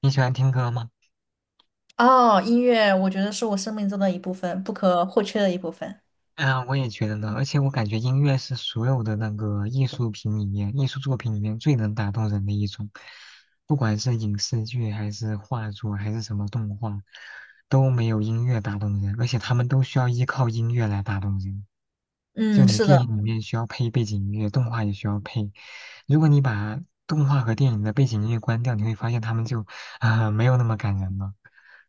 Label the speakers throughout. Speaker 1: 你喜欢听歌吗？
Speaker 2: 哦，音乐我觉得是我生命中的一部分，不可或缺的一部分。
Speaker 1: 嗯，我也觉得呢。而且我感觉音乐是所有的那个艺术品里面、艺术作品里面最能打动人的一种，不管是影视剧还是画作还是什么动画，都没有音乐打动人。而且他们都需要依靠音乐来打动人。就
Speaker 2: 嗯，
Speaker 1: 你
Speaker 2: 是的，
Speaker 1: 电影里面需要配背景音乐，动画也需要配。如果你把动画和电影的背景音乐关掉，你会发现他们就没有那么感人了。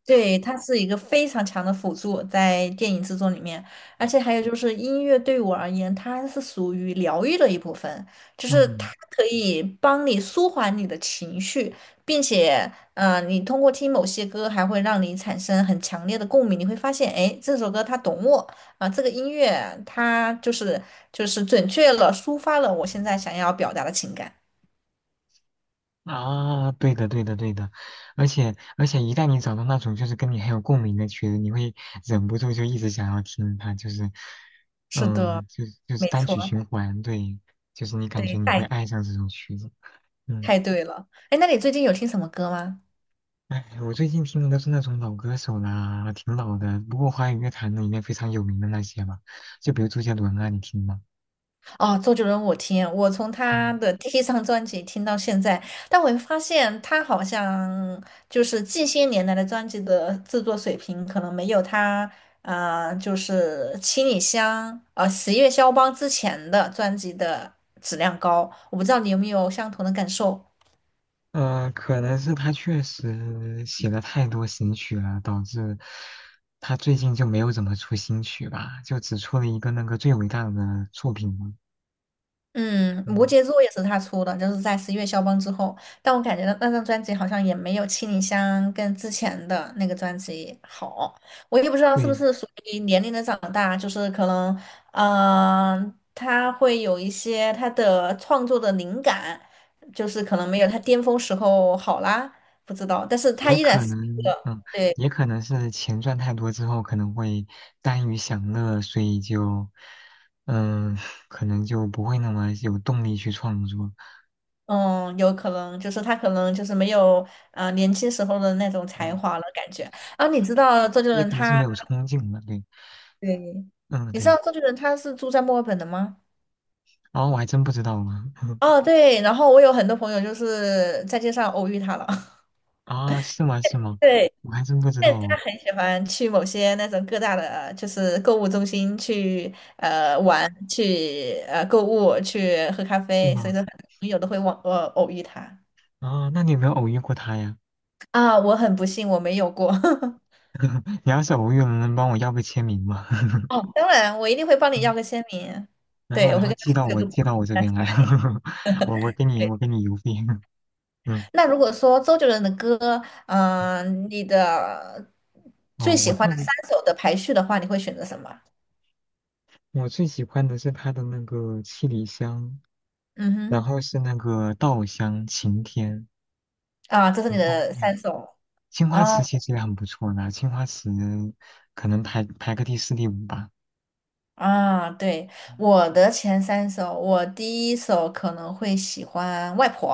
Speaker 2: 对，它是一个非常强的辅助在电影制作里面，而且还有就是音乐对我而言，它是属于疗愈的一部分，就是它
Speaker 1: 嗯。
Speaker 2: 可以帮你舒缓你的情绪，并且，你通过听某些歌，还会让你产生很强烈的共鸣，你会发现，哎，这首歌它懂我。啊，这个音乐它就是准确了抒发了我现在想要表达的情感。
Speaker 1: 啊，对的，对的，对的，而且，一旦你找到那种就是跟你很有共鸣的曲子，你会忍不住就一直想要听它，就是，
Speaker 2: 是的，
Speaker 1: 嗯，就是
Speaker 2: 没
Speaker 1: 单
Speaker 2: 错，
Speaker 1: 曲循环，对，就是你感觉
Speaker 2: 对，
Speaker 1: 你会
Speaker 2: 太
Speaker 1: 爱上这种曲子。嗯。
Speaker 2: 太对了。哎，那你最近有听什么歌吗？
Speaker 1: 哎，我最近听的都是那种老歌手啦，挺老的，不过华语乐坛呢里面非常有名的那些吧，就比如周杰伦啊，你听吗？
Speaker 2: 哦，周杰伦我听，我从他
Speaker 1: 嗯
Speaker 2: 的第一张专辑听到现在，但我会发现他好像就是近些年来的专辑的制作水平可能没有他就是《七里香》《十月肖邦》之前的专辑的质量高。我不知道你有没有相同的感受。
Speaker 1: 可能是他确实写了太多新曲了，导致他最近就没有怎么出新曲吧，就只出了一个那个最伟大的作品了。
Speaker 2: 嗯，摩
Speaker 1: 嗯，
Speaker 2: 羯座也是他出的，就是在十一月肖邦之后。但我感觉那张专辑好像也没有《七里香》跟之前的那个专辑好。我也不知道是不
Speaker 1: 对，
Speaker 2: 是属于年龄的长大，就是可能，他会有一些他的创作的灵感，就是可能没有他巅峰时候好啦，不知道。但是他
Speaker 1: 也
Speaker 2: 依然
Speaker 1: 可
Speaker 2: 是一
Speaker 1: 能，
Speaker 2: 个，
Speaker 1: 嗯，
Speaker 2: 对，
Speaker 1: 也可能是钱赚太多之后，可能会耽于享乐，所以就，嗯，可能就不会那么有动力去创作。
Speaker 2: 嗯，有可能就是他可能就是没有，年轻时候的那种才
Speaker 1: 嗯，
Speaker 2: 华了，感觉。啊，你知道周杰
Speaker 1: 也
Speaker 2: 伦
Speaker 1: 可能是
Speaker 2: 他。
Speaker 1: 没有冲劲了。对，
Speaker 2: 对，
Speaker 1: 嗯，
Speaker 2: 你知道
Speaker 1: 对。
Speaker 2: 周杰伦他是住在墨尔本的吗？
Speaker 1: 然后我还真不知道呢。
Speaker 2: 哦，对，然后我有很多朋友就是在街上偶遇他了。
Speaker 1: 啊，是吗？是吗？
Speaker 2: 对，
Speaker 1: 我还真不知
Speaker 2: 但
Speaker 1: 道
Speaker 2: 他
Speaker 1: 哦。
Speaker 2: 很喜欢去某些那种各大的，就是购物中心去玩，去购物，去喝咖
Speaker 1: 是
Speaker 2: 啡，所以
Speaker 1: 吗？
Speaker 2: 说很多朋友都会往偶遇他。
Speaker 1: 那你有没有偶遇过他呀？
Speaker 2: 啊，我很不幸我没有过。
Speaker 1: 你要是偶遇了，能帮我要个签名吗？
Speaker 2: 哦，当然，我一定会帮你要个
Speaker 1: 嗯。
Speaker 2: 签名。
Speaker 1: 然后，
Speaker 2: 对，我
Speaker 1: 然
Speaker 2: 会
Speaker 1: 后
Speaker 2: 跟他
Speaker 1: 寄到
Speaker 2: 说
Speaker 1: 我
Speaker 2: 有个。
Speaker 1: 寄到我这边来。我给你邮费。嗯。
Speaker 2: 那如果说周杰伦的歌，你的
Speaker 1: 哦，
Speaker 2: 最喜
Speaker 1: 我
Speaker 2: 欢
Speaker 1: 特
Speaker 2: 的三
Speaker 1: 别
Speaker 2: 首的排序的话，你会选择什么？
Speaker 1: 我最喜欢的是他的那个七里香，
Speaker 2: 嗯
Speaker 1: 然
Speaker 2: 哼，
Speaker 1: 后是那个稻香、晴天，
Speaker 2: 啊，这是你
Speaker 1: 然后
Speaker 2: 的
Speaker 1: 对，
Speaker 2: 三首。
Speaker 1: 青花
Speaker 2: 哦
Speaker 1: 瓷其实也很不错的，青花瓷可能排个第四第五吧。
Speaker 2: 啊，对，
Speaker 1: 嗯。
Speaker 2: 我的前三首，我第一首可能会喜欢《外婆》，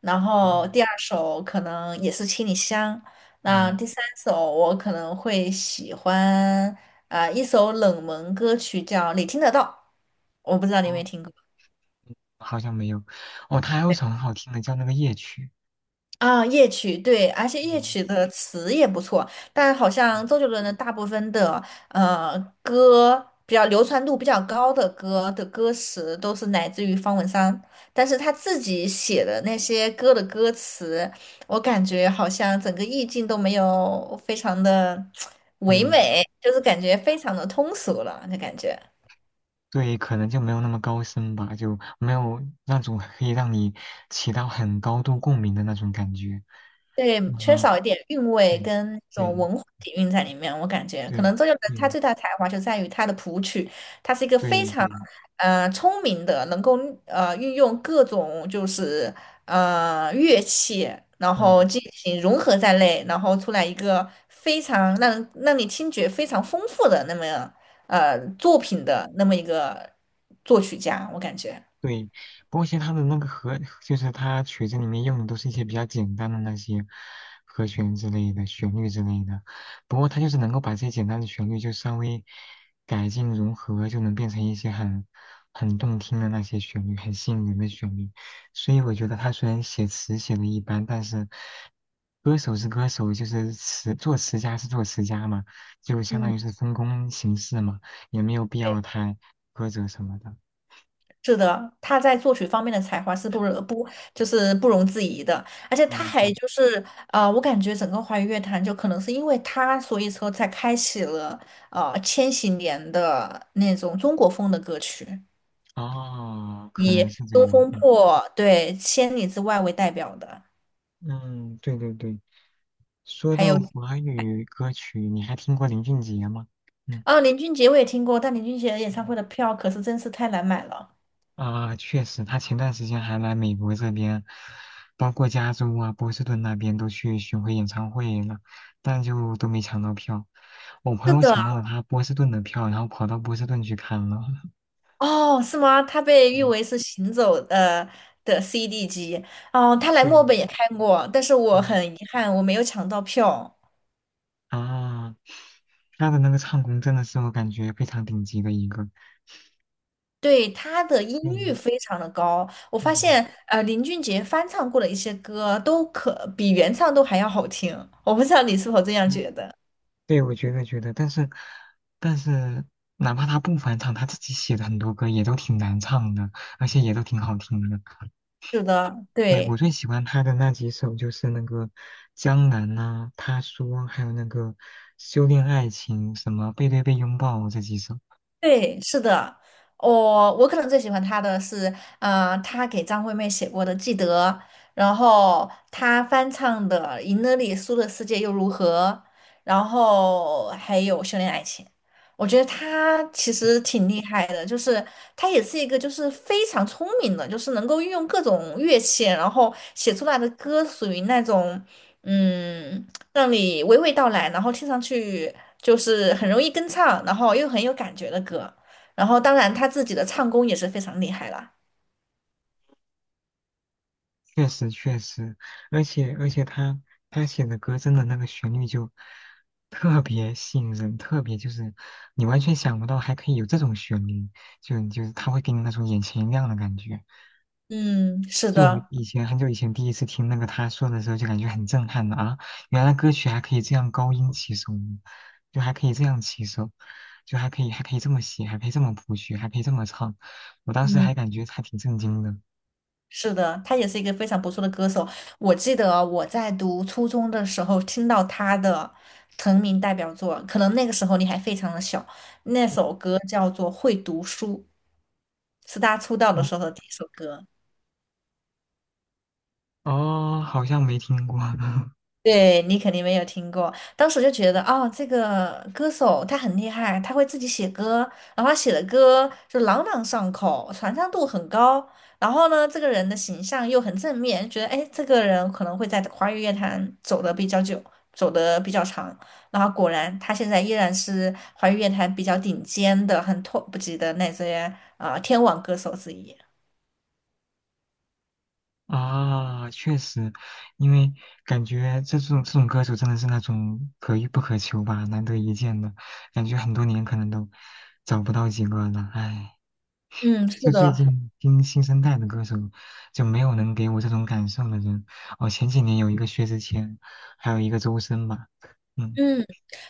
Speaker 2: 然
Speaker 1: 哦，
Speaker 2: 后第二首可能也是《七里香》，那
Speaker 1: 嗯，
Speaker 2: 第三首我可能会喜欢一首冷门歌曲叫《你听得到》，我不知道你有没
Speaker 1: 哦，
Speaker 2: 有听过。
Speaker 1: 好像没有。哦，他还有一首很好听的叫那个夜曲。
Speaker 2: 啊，夜曲对，而且夜
Speaker 1: 嗯。
Speaker 2: 曲的词也不错，但好像
Speaker 1: 嗯。
Speaker 2: 周杰伦的大部分的呃歌比较流传度比较高的歌的歌词都是来自于方文山，但是他自己写的那些歌的歌词，我感觉好像整个意境都没有非常的 唯
Speaker 1: 嗯。
Speaker 2: 美，就是感觉非常的通俗了，那感觉。
Speaker 1: 对，可能就没有那么高深吧，就没有那种可以让你起到很高度共鸣的那种感觉。
Speaker 2: 对，缺
Speaker 1: 嗯，
Speaker 2: 少一点韵味
Speaker 1: 对，
Speaker 2: 跟这种
Speaker 1: 对，
Speaker 2: 文化底蕴在里面，我感觉可
Speaker 1: 对，
Speaker 2: 能周杰伦他
Speaker 1: 对，
Speaker 2: 最大的才华就在于他的谱曲，他是一个非
Speaker 1: 对，
Speaker 2: 常
Speaker 1: 对，
Speaker 2: 聪明的，能够运用各种就是乐器，然后
Speaker 1: 嗯。
Speaker 2: 进行融合在内，然后出来一个非常让你听觉非常丰富的那么作品的那么一个作曲家，我感觉。
Speaker 1: 对，不过其实它的那个和，就是它曲子里面用的都是一些比较简单的那些和弦之类的、旋律之类的。不过它就是能够把这些简单的旋律就稍微改进融合，就能变成一些很动听的那些旋律，很吸引人的旋律。所以我觉得他虽然写词写的一般，但是歌手是歌手，就是词作词家是作词家嘛，就相当
Speaker 2: 嗯。
Speaker 1: 于是分工形式嘛，也没有必要
Speaker 2: 对。
Speaker 1: 太苛责什么的。
Speaker 2: 是的，他在作曲方面的才华是不容不就是不容置疑的，而且他
Speaker 1: 嗯，
Speaker 2: 还
Speaker 1: 对。
Speaker 2: 就是我感觉整个华语乐坛就可能是因为他，所以说才开启了千禧年的那种中国风的歌曲，
Speaker 1: 哦，可能是这
Speaker 2: 《东
Speaker 1: 样。
Speaker 2: 风
Speaker 1: 嗯。
Speaker 2: 破》对《千里之外》为代表的，
Speaker 1: 嗯，对对对。说
Speaker 2: 还有
Speaker 1: 到华语歌曲，你还听过林俊杰吗？嗯。
Speaker 2: 哦，林俊杰我也听过，但林俊杰演
Speaker 1: 嗯。
Speaker 2: 唱会的票可是真是太难买了。
Speaker 1: 啊，确实，他前段时间还来美国这边，包括加州啊、波士顿那边都去巡回演唱会了，但就都没抢到票。我朋
Speaker 2: 是
Speaker 1: 友
Speaker 2: 的，
Speaker 1: 抢到了他波士顿的票，然后跑到波士顿去看了。
Speaker 2: 哦，是吗？他被 誉
Speaker 1: 嗯，
Speaker 2: 为是行走的CD 机。哦，他来墨
Speaker 1: 对，
Speaker 2: 尔本也开过，但是我
Speaker 1: 嗯。
Speaker 2: 很遗憾，我没有抢到票。
Speaker 1: 啊，他的那个唱功真的是我感觉非常顶级的一个。
Speaker 2: 对，他的音
Speaker 1: 对，
Speaker 2: 域非常的高，我发
Speaker 1: 嗯。
Speaker 2: 现林俊杰翻唱过的一些歌都可比原唱都还要好听。我不知道你是否这样觉得？
Speaker 1: 对，我觉得觉得，但是，哪怕他不返场，他自己写的很多歌也都挺难唱的，而且也都挺好听的。
Speaker 2: 是的，
Speaker 1: 对，我
Speaker 2: 对。
Speaker 1: 最喜欢他的那几首就是那个《江南》呐，《他说》，还有那个《修炼爱情》，什么《背对背拥抱》这几首。
Speaker 2: 对，是的，我可能最喜欢他的是，他给张惠妹写过的《记得》，然后他翻唱的《赢了你输的世界又如何》，然后还有《修炼爱情》。我觉得他其实挺厉害的，就是他也是一个就是非常聪明的，就是能够运用各种乐器，然后写出来的歌属于那种。嗯，让你娓娓道来，然后听上去就是很容易跟唱，然后又很有感觉的歌。然后，当然他自己的唱功也是非常厉害啦。
Speaker 1: 确实，而且他写的歌真的那个旋律就特别吸引人，特别就是你完全想不到还可以有这种旋律，就是他会给你那种眼前一亮的感觉。
Speaker 2: 嗯，是
Speaker 1: 就我
Speaker 2: 的，
Speaker 1: 以前很久以前第一次听那个他说的时候，就感觉很震撼的啊，原来歌曲还可以这样高音起手，就还可以这样起手，就还可以这么写，还可以这么谱曲，还可以这么唱，我当时还
Speaker 2: 嗯，
Speaker 1: 感觉还挺震惊的。
Speaker 2: 是的，他也是一个非常不错的歌手。我记得我在读初中的时候听到他的成名代表作，可能那个时候你还非常的小，那首歌叫做《会读书》，是他出道的
Speaker 1: 哦，
Speaker 2: 时候的第一首歌。
Speaker 1: 哦，好像没听过。
Speaker 2: 对你肯定没有听过，当时就觉得哦，这个歌手他很厉害，他会自己写歌，然后他写的歌就朗朗上口，传唱度很高。然后呢，这个人的形象又很正面，觉得哎，诶这个人可能会在华语乐坛走得比较久，走得比较长。然后果然，他现在依然是华语乐坛比较顶尖的、很 top 级的那些天王歌手之一。
Speaker 1: 啊，确实，因为感觉这种歌手真的是那种可遇不可求吧，难得一见的，感觉很多年可能都找不到几个了。唉，
Speaker 2: 嗯，是
Speaker 1: 就最
Speaker 2: 的，
Speaker 1: 近听新生代的歌手，就没有能给我这种感受的人。哦，前几年有一个薛之谦，还有一个周深吧。嗯。
Speaker 2: 嗯，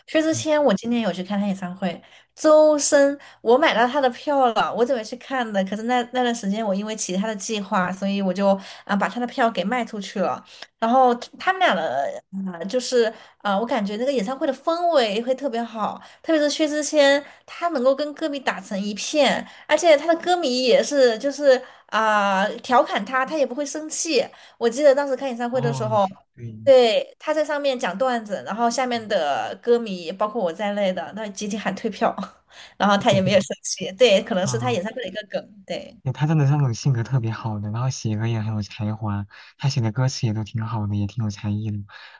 Speaker 2: 薛之
Speaker 1: 嗯，
Speaker 2: 谦，我今天有去看他演唱会。周深，我买到他的票了，我准备去看的，可是那段时间我因为其他的计划，所以我就把他的票给卖出去了。然后他们俩的就是我感觉那个演唱会的氛围会特别好，特别是薛之谦，他能够跟歌迷打成一片，而且他的歌迷也是就是调侃他，他也不会生气。我记得当时看演唱会的时
Speaker 1: 哦，
Speaker 2: 候。
Speaker 1: 对。
Speaker 2: 对，他在上面讲段子，然后下面的歌迷，包括我在内的，那集体喊退票，然后他也没有生气。对，可能是他
Speaker 1: 嗯，
Speaker 2: 演唱会的一个梗。对，
Speaker 1: 对他真的是那种性格特别好的，然后写歌也很有才华，他写的歌词也都挺好的，也挺有才艺的。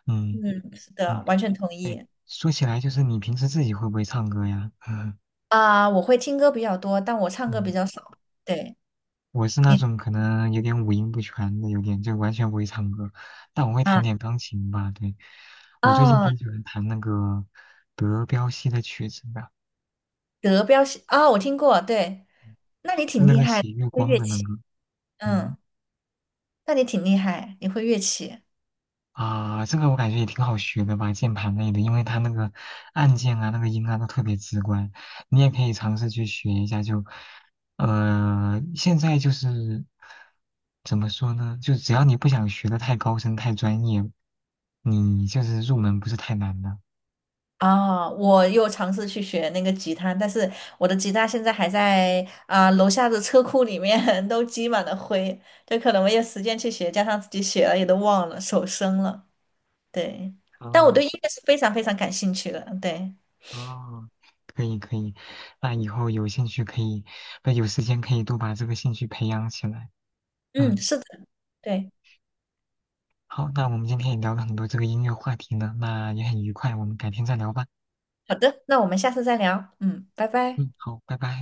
Speaker 1: 嗯。
Speaker 2: 嗯，是的，
Speaker 1: 嗯。
Speaker 2: 完全同
Speaker 1: 对，
Speaker 2: 意。
Speaker 1: 说起来就是你平时自己会不会唱歌呀？
Speaker 2: 我会听歌比较多，但我唱歌比
Speaker 1: 嗯，
Speaker 2: 较少。对，
Speaker 1: 我是那
Speaker 2: 你
Speaker 1: 种可能有点五音不全的，有点就完全不会唱歌，但我会弹
Speaker 2: 啊
Speaker 1: 点钢琴吧。对，我最近
Speaker 2: 啊，
Speaker 1: 挺喜欢弹那个德彪西的曲子的，
Speaker 2: 德彪西啊，我听过。对，那你
Speaker 1: 就
Speaker 2: 挺
Speaker 1: 那
Speaker 2: 厉
Speaker 1: 个
Speaker 2: 害
Speaker 1: 写
Speaker 2: 的
Speaker 1: 月
Speaker 2: 会
Speaker 1: 光
Speaker 2: 乐
Speaker 1: 的那
Speaker 2: 器。
Speaker 1: 个。嗯。
Speaker 2: 嗯，那你挺厉害，你会乐器。
Speaker 1: 啊，这个我感觉也挺好学的吧，键盘类的，因为它那个按键啊、那个音啊都特别直观，你也可以尝试去学一下就。现在就是怎么说呢？就只要你不想学的太高深、太专业，你就是入门不是太难的。
Speaker 2: 啊，我又尝试去学那个吉他，但是我的吉他现在还在楼下的车库里面 都积满了灰，这可能没有时间去学，加上自己写了也都忘了，手生了。对，但我
Speaker 1: 哦。
Speaker 2: 对音乐是非常非常感兴趣的。对，
Speaker 1: 哦，可以可以，那以后有兴趣可以，不有时间可以多把这个兴趣培养起来。
Speaker 2: 嗯，
Speaker 1: 嗯。
Speaker 2: 是的，对，
Speaker 1: 好，那我们今天也聊了很多这个音乐话题呢，那也很愉快，我们改天再聊吧。
Speaker 2: 好的，那我们下次再聊。嗯，拜拜。
Speaker 1: 嗯，好，拜拜。